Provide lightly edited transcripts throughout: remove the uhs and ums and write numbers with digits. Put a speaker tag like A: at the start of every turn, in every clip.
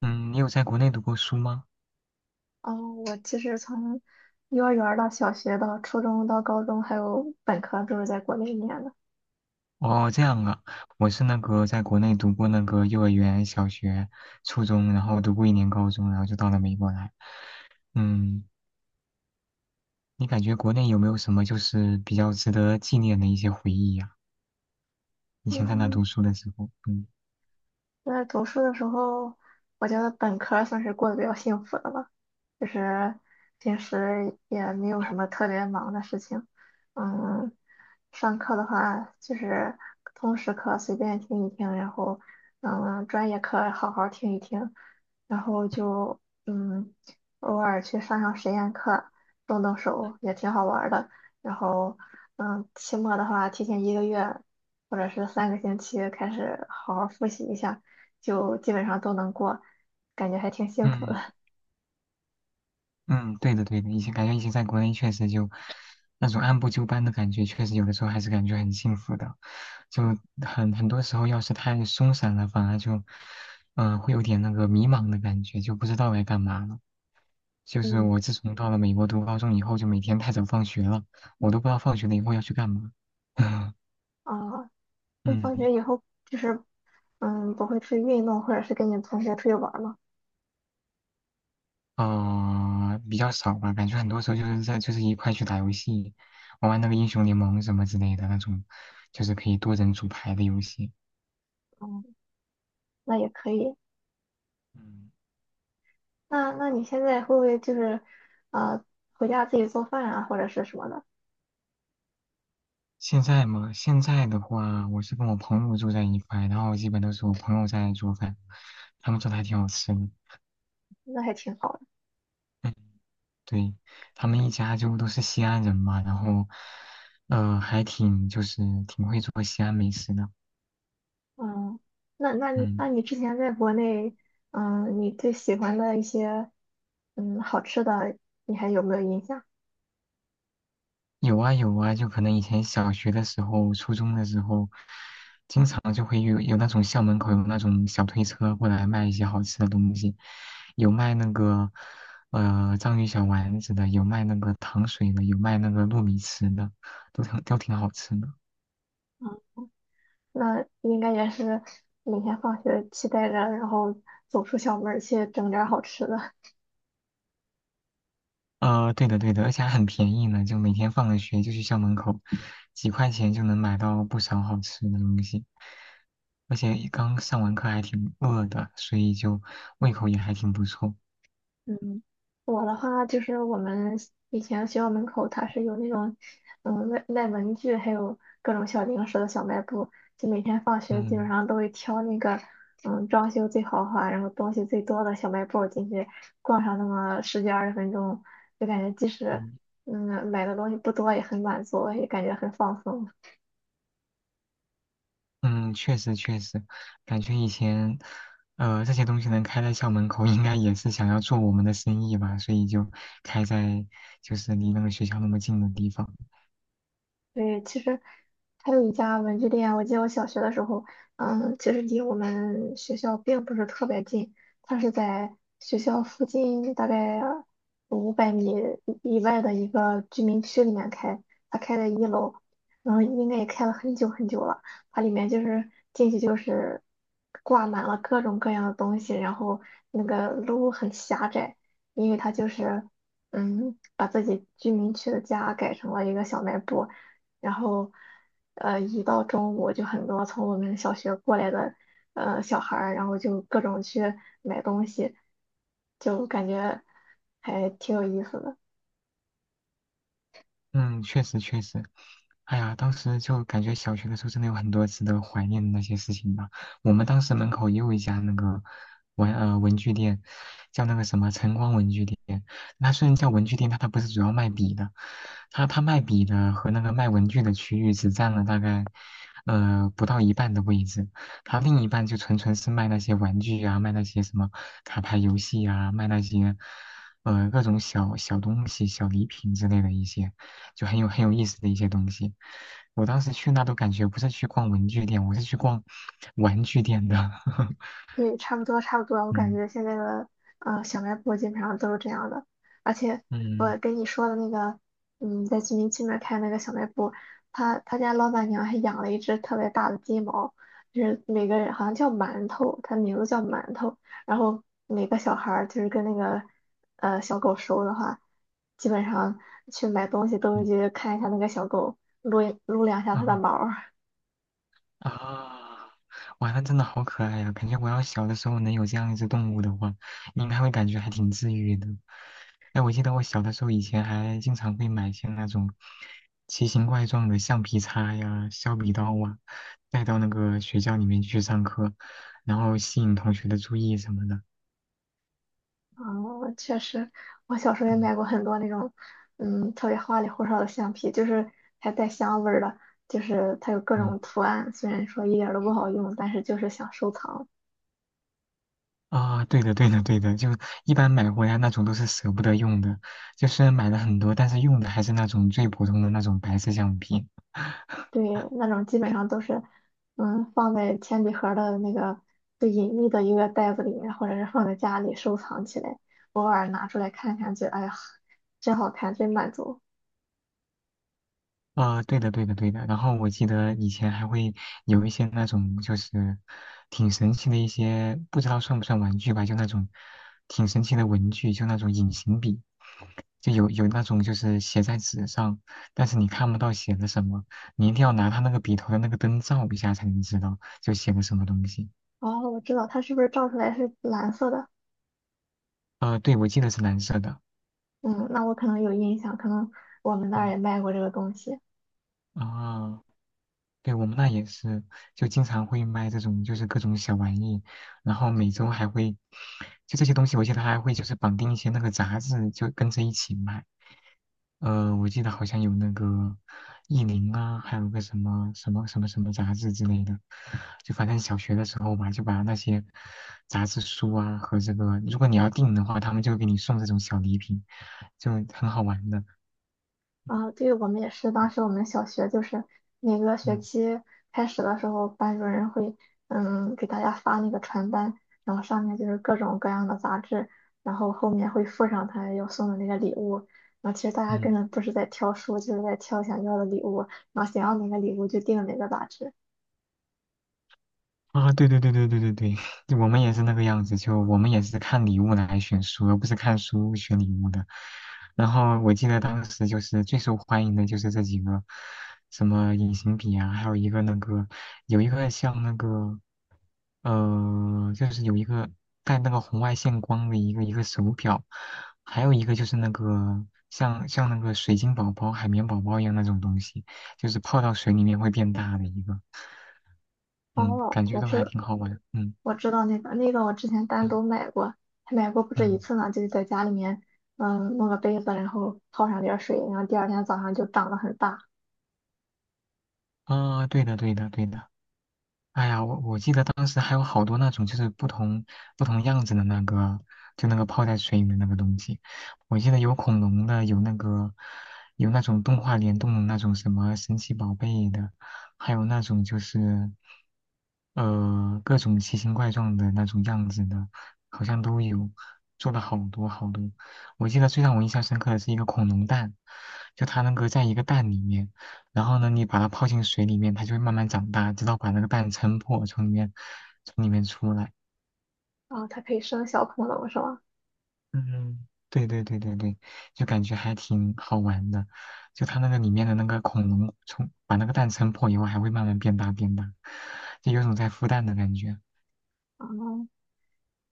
A: 嗯，你有在国内读过书吗？
B: 哦，我其实从幼儿园儿到小学到初中到高中还有本科都是在国内念的。
A: 哦，这样啊，我是那个在国内读过那个幼儿园、小学、初中，然后读过一年高中，然后就到了美国来。嗯，你感觉国内有没有什么就是比较值得纪念的一些回忆呀、以前在那
B: 嗯，
A: 读书的时候，嗯。
B: 那读书的时候，我觉得本科算是过得比较幸福的了，就是平时也没有什么特别忙的事情。嗯，上课的话就是通识课随便听一听，然后专业课好好听一听，然后就嗯，偶尔去上上实验课，动动手也挺好玩儿的。然后期末的话，提前一个月或者是3个星期开始好好复习一下，就基本上都能过，感觉还挺幸福的。
A: 嗯嗯，对的对的，以前感觉以前在国内确实就那种按部就班的感觉，确实有的时候还是感觉很幸福的。就很多时候，要是太松散了，反而就会有点那个迷茫的感觉，就不知道该干嘛了。就是
B: 嗯，
A: 我自从到了美国读高中以后，就每天太早放学了，我都不知道放学了以后要去干嘛。
B: 啊，那放
A: 嗯。
B: 学以后就是不会去运动或者是跟你同学出去玩儿吗？
A: 啊、比较少吧，感觉很多时候就是在就是一块去打游戏，玩玩那个英雄联盟什么之类的那种，就是可以多人组牌的游戏。
B: 嗯，那也可以。
A: 嗯，
B: 那你现在会不会就是呃回家自己做饭啊，或者是什么的？
A: 现在嘛，现在的话，我是跟我朋友住在一块，然后基本都是我朋友在做饭，他们做的还挺好吃的。
B: 那还挺好的。
A: 嗯，对，他们一家就都是西安人嘛，然后，还挺就是挺会做西安美食的。
B: 嗯，那那
A: 嗯。
B: 那你之前在国内，你最喜欢的一些好吃的，你还有没有印象？
A: 有啊有啊，就可能以前小学的时候、初中的时候，经常就会有那种校门口有那种小推车过来卖一些好吃的东西，有卖那个章鱼小丸子的，有卖那个糖水的，有卖那个糯米糍的，都挺好吃的。
B: 那应该也是每天放学期待着，然后走出校门儿去整点儿好吃的。
A: 对的对的，而且还很便宜呢，就每天放了学就去校门口，几块钱就能买到不少好吃的东西。而且刚上完课还挺饿的，所以就胃口也还挺不错。
B: 嗯，我的话就是我们以前学校门口它是有那种，卖文具还有各种小零食的小卖部，就每天放学基本
A: 嗯
B: 上都会挑那个，装修最豪华，然后东西最多的小卖部进去逛上那么十几二十分钟，就感觉即使
A: 嗯，
B: 买的东西不多也很满足，也感觉很放松。
A: 嗯，确实确实，感觉以前，这些东西能开在校门口，应该也是想要做我们的生意吧，所以就开在就是离那个学校那么近的地方。
B: 对，其实还有一家文具店，我记得我小学的时候，其实离我们学校并不是特别近，它是在学校附近大概500米以外的一个居民区里面开，它开在一楼，应该也开了很久很久了。它里面就是进去就是挂满了各种各样的东西，然后那个路很狭窄，因为它就是把自己居民区的家改成了一个小卖部。然后，一到中午就很多从我们小学过来的小孩儿，然后就各种去买东西，就感觉还挺有意思的。
A: 嗯，确实确实，哎呀，当时就感觉小学的时候真的有很多值得怀念的那些事情吧。我们当时门口也有一家那个文具店，叫那个什么晨光文具店。它虽然叫文具店，但它不是主要卖笔的，它卖笔的和那个卖文具的区域只占了大概不到一半的位置，它另一半就纯纯是卖那些玩具啊，卖那些什么卡牌游戏啊，卖那些各种小小东西、小礼品之类的一些。就很有意思的一些东西。我当时去那都感觉不是去逛文具店，我是去逛玩具店的。
B: 对，差不多差不多，我感
A: 嗯
B: 觉现在的小卖部基本上都是这样的，而且我
A: 嗯
B: 跟你说的那个，在居民区那儿开那个小卖部，他家老板娘还养了一只特别大的金毛，就是每个人好像叫馒头，它名字叫馒头，然后每个小孩儿就是跟那个小狗熟的话，基本上去买东西都会
A: 嗯，
B: 去看一下那个小狗，撸一撸两下它的
A: 啊
B: 毛。
A: 啊！哇，那真的好可爱呀、感觉我要小的时候能有这样一只动物的话，应该会感觉还挺治愈的。哎，我记得我小的时候以前还经常会买一些那种奇形怪状的橡皮擦呀、削笔刀啊，带到那个学校里面去上课，然后吸引同学的注意什么的。
B: 哦，确实，我小时候也
A: 嗯
B: 买过很多那种，特别花里胡哨的橡皮，就是还带香味儿的，就是它有各
A: 嗯。
B: 种图案，虽然说一点儿都不好用，但是就是想收藏。
A: 啊，对的，对的，对的，就一般买回来那种都是舍不得用的，就虽然买了很多，但是用的还是那种最普通的那种白色橡皮。
B: 对，那种基本上都是，放在铅笔盒儿的那个最隐秘的一个袋子里面，或者是放在家里收藏起来，偶尔拿出来看看，觉得哎呀，真好看，真满足。
A: 啊，对的，对的，对的。然后我记得以前还会有一些那种就是挺神奇的一些，不知道算不算玩具吧，就那种挺神奇的文具，就那种隐形笔，就有那种就是写在纸上，但是你看不到写的什么，你一定要拿它那个笔头的那个灯照一下才能知道就写的什么东西。
B: 哦，我知道它是不是照出来是蓝色的？
A: 对，我记得是蓝色的。
B: 嗯，那我可能有印象，可能我们那儿
A: 嗯
B: 也卖过这个东西
A: 啊，对，我们那也是，就经常会卖这种就是各种小玩意，然后每周还会，就这些东西，我记得还会就是绑定一些那个杂志，就跟着一起卖。我记得好像有那个意林啊，还有个什么什么什么什么杂志之类的，就反正小学的时候吧，就把那些杂志书啊和这个，如果你要订的话，他们就会给你送这种小礼品，就很好玩的。
B: 啊。对，我们也是，当时我们小学就是每个学
A: 嗯
B: 期开始的时候，班主任会给大家发那个传单，然后上面就是各种各样的杂志，然后后面会附上他要送的那个礼物。然后其实大家根
A: 嗯。
B: 本不是在挑书，就是在挑想要的礼物，然后想要哪个礼物就订哪个杂志。
A: 啊，对对对对对对对，我们也是那个样子，就我们也是看礼物来选书，而不是看书选礼物的。然后我记得当时就是最受欢迎的就是这几个，什么隐形笔啊，还有一个那个有一个像那个就是有一个带那个红外线光的一个一个手表，还有一个就是那个像那个水晶宝宝、海绵宝宝一样那种东西，就是泡到水里面会变大的一个。嗯，
B: 哦，
A: 感觉
B: 我
A: 都
B: 知
A: 还
B: 道。
A: 挺好玩，嗯
B: 我知道那个，我之前单
A: 嗯
B: 独买过，还买过不止一
A: 嗯，
B: 次呢。就是在家里面，弄个杯子，然后泡上点儿水，然后第二天早上就长得很大。
A: 啊，对的对的对的，哎呀，我记得当时还有好多那种就是不同样子的那个，就那个泡在水里的那个东西。我记得有恐龙的，有那个有那种动画联动的那种什么神奇宝贝的，还有那种就是各种奇形怪状的那种样子的，好像都有，做了好多好多。我记得最让我印象深刻的是一个恐龙蛋，就它那个在一个蛋里面。然后呢，你把它泡进水里面，它就会慢慢长大，直到把那个蛋撑破，从里面出来。
B: 啊，它可以生小恐龙是吗？
A: 嗯，对对对对对，就感觉还挺好玩的。就它那个里面的那个恐龙，从把那个蛋撑破以后，还会慢慢变大变大，就有种在孵蛋的感觉。
B: 啊，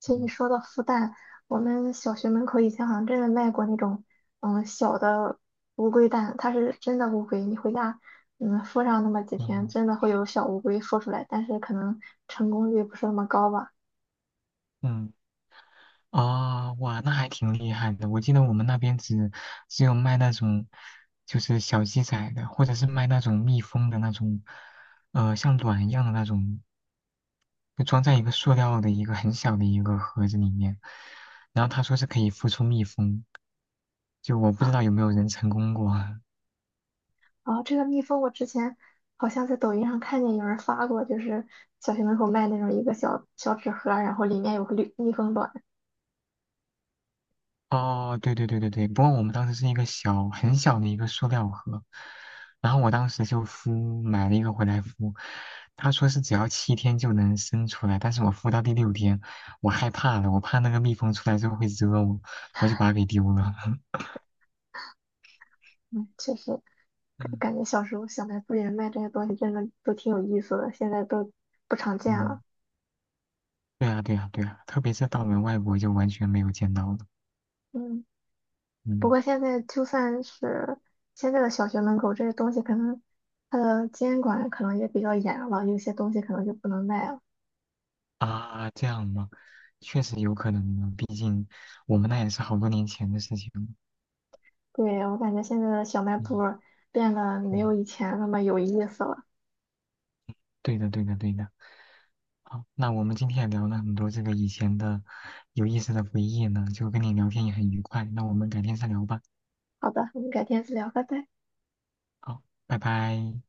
B: 其实你
A: 嗯
B: 说到孵蛋，我们小学门口以前好像真的卖过那种，小的乌龟蛋，它是真的乌龟，你回家，孵上那么几天，
A: 嗯
B: 真的会有小乌龟孵出来，但是可能成功率不是那么高吧。
A: 嗯，啊、哇，那还挺厉害的。我记得我们那边只有卖那种就是小鸡仔的，或者是卖那种蜜蜂的那种，像卵一样的那种就装在一个塑料的一个很小的一个盒子里面，然后他说是可以孵出蜜蜂，就我不知道有没有人成功过。
B: 哦，这个蜜蜂我之前好像在抖音上看见有人发过，就是小学门口卖那种一个小小纸盒儿然后里面有个绿蜜蜂卵。
A: 哦，对对对对对，不过我们当时是一个小很小的一个塑料盒，然后我当时就孵买了一个回来孵，他说是只要7天就能生出来，但是我孵到第六天，我害怕了，我怕那个蜜蜂出来之后会蛰我，我就把它给丢了。
B: 嗯，确实
A: 嗯
B: 感觉小时候小卖部里面卖这些东西真的都挺有意思的，现在都不常见
A: 嗯，
B: 了。
A: 对啊对啊对啊，特别是到了外国就完全没有见到了。
B: 嗯，不
A: 嗯
B: 过现在就算是现在的小学门口这些东西，可能它的监管可能也比较严了，有些东西可能就不能卖了。
A: 啊，这样吗？确实有可能呢，毕竟我们那也是好多年前的事情了。
B: 对，我感觉现在的小卖部
A: 嗯
B: 变得没有
A: 嗯，
B: 以前那么有意思了。
A: 对的对的对的。好，那我们今天也聊了很多这个以前的有意思的回忆呢，就跟你聊天也很愉快。那我们改天再聊吧。
B: 好的，我们改天再聊，拜拜。
A: 好，拜拜。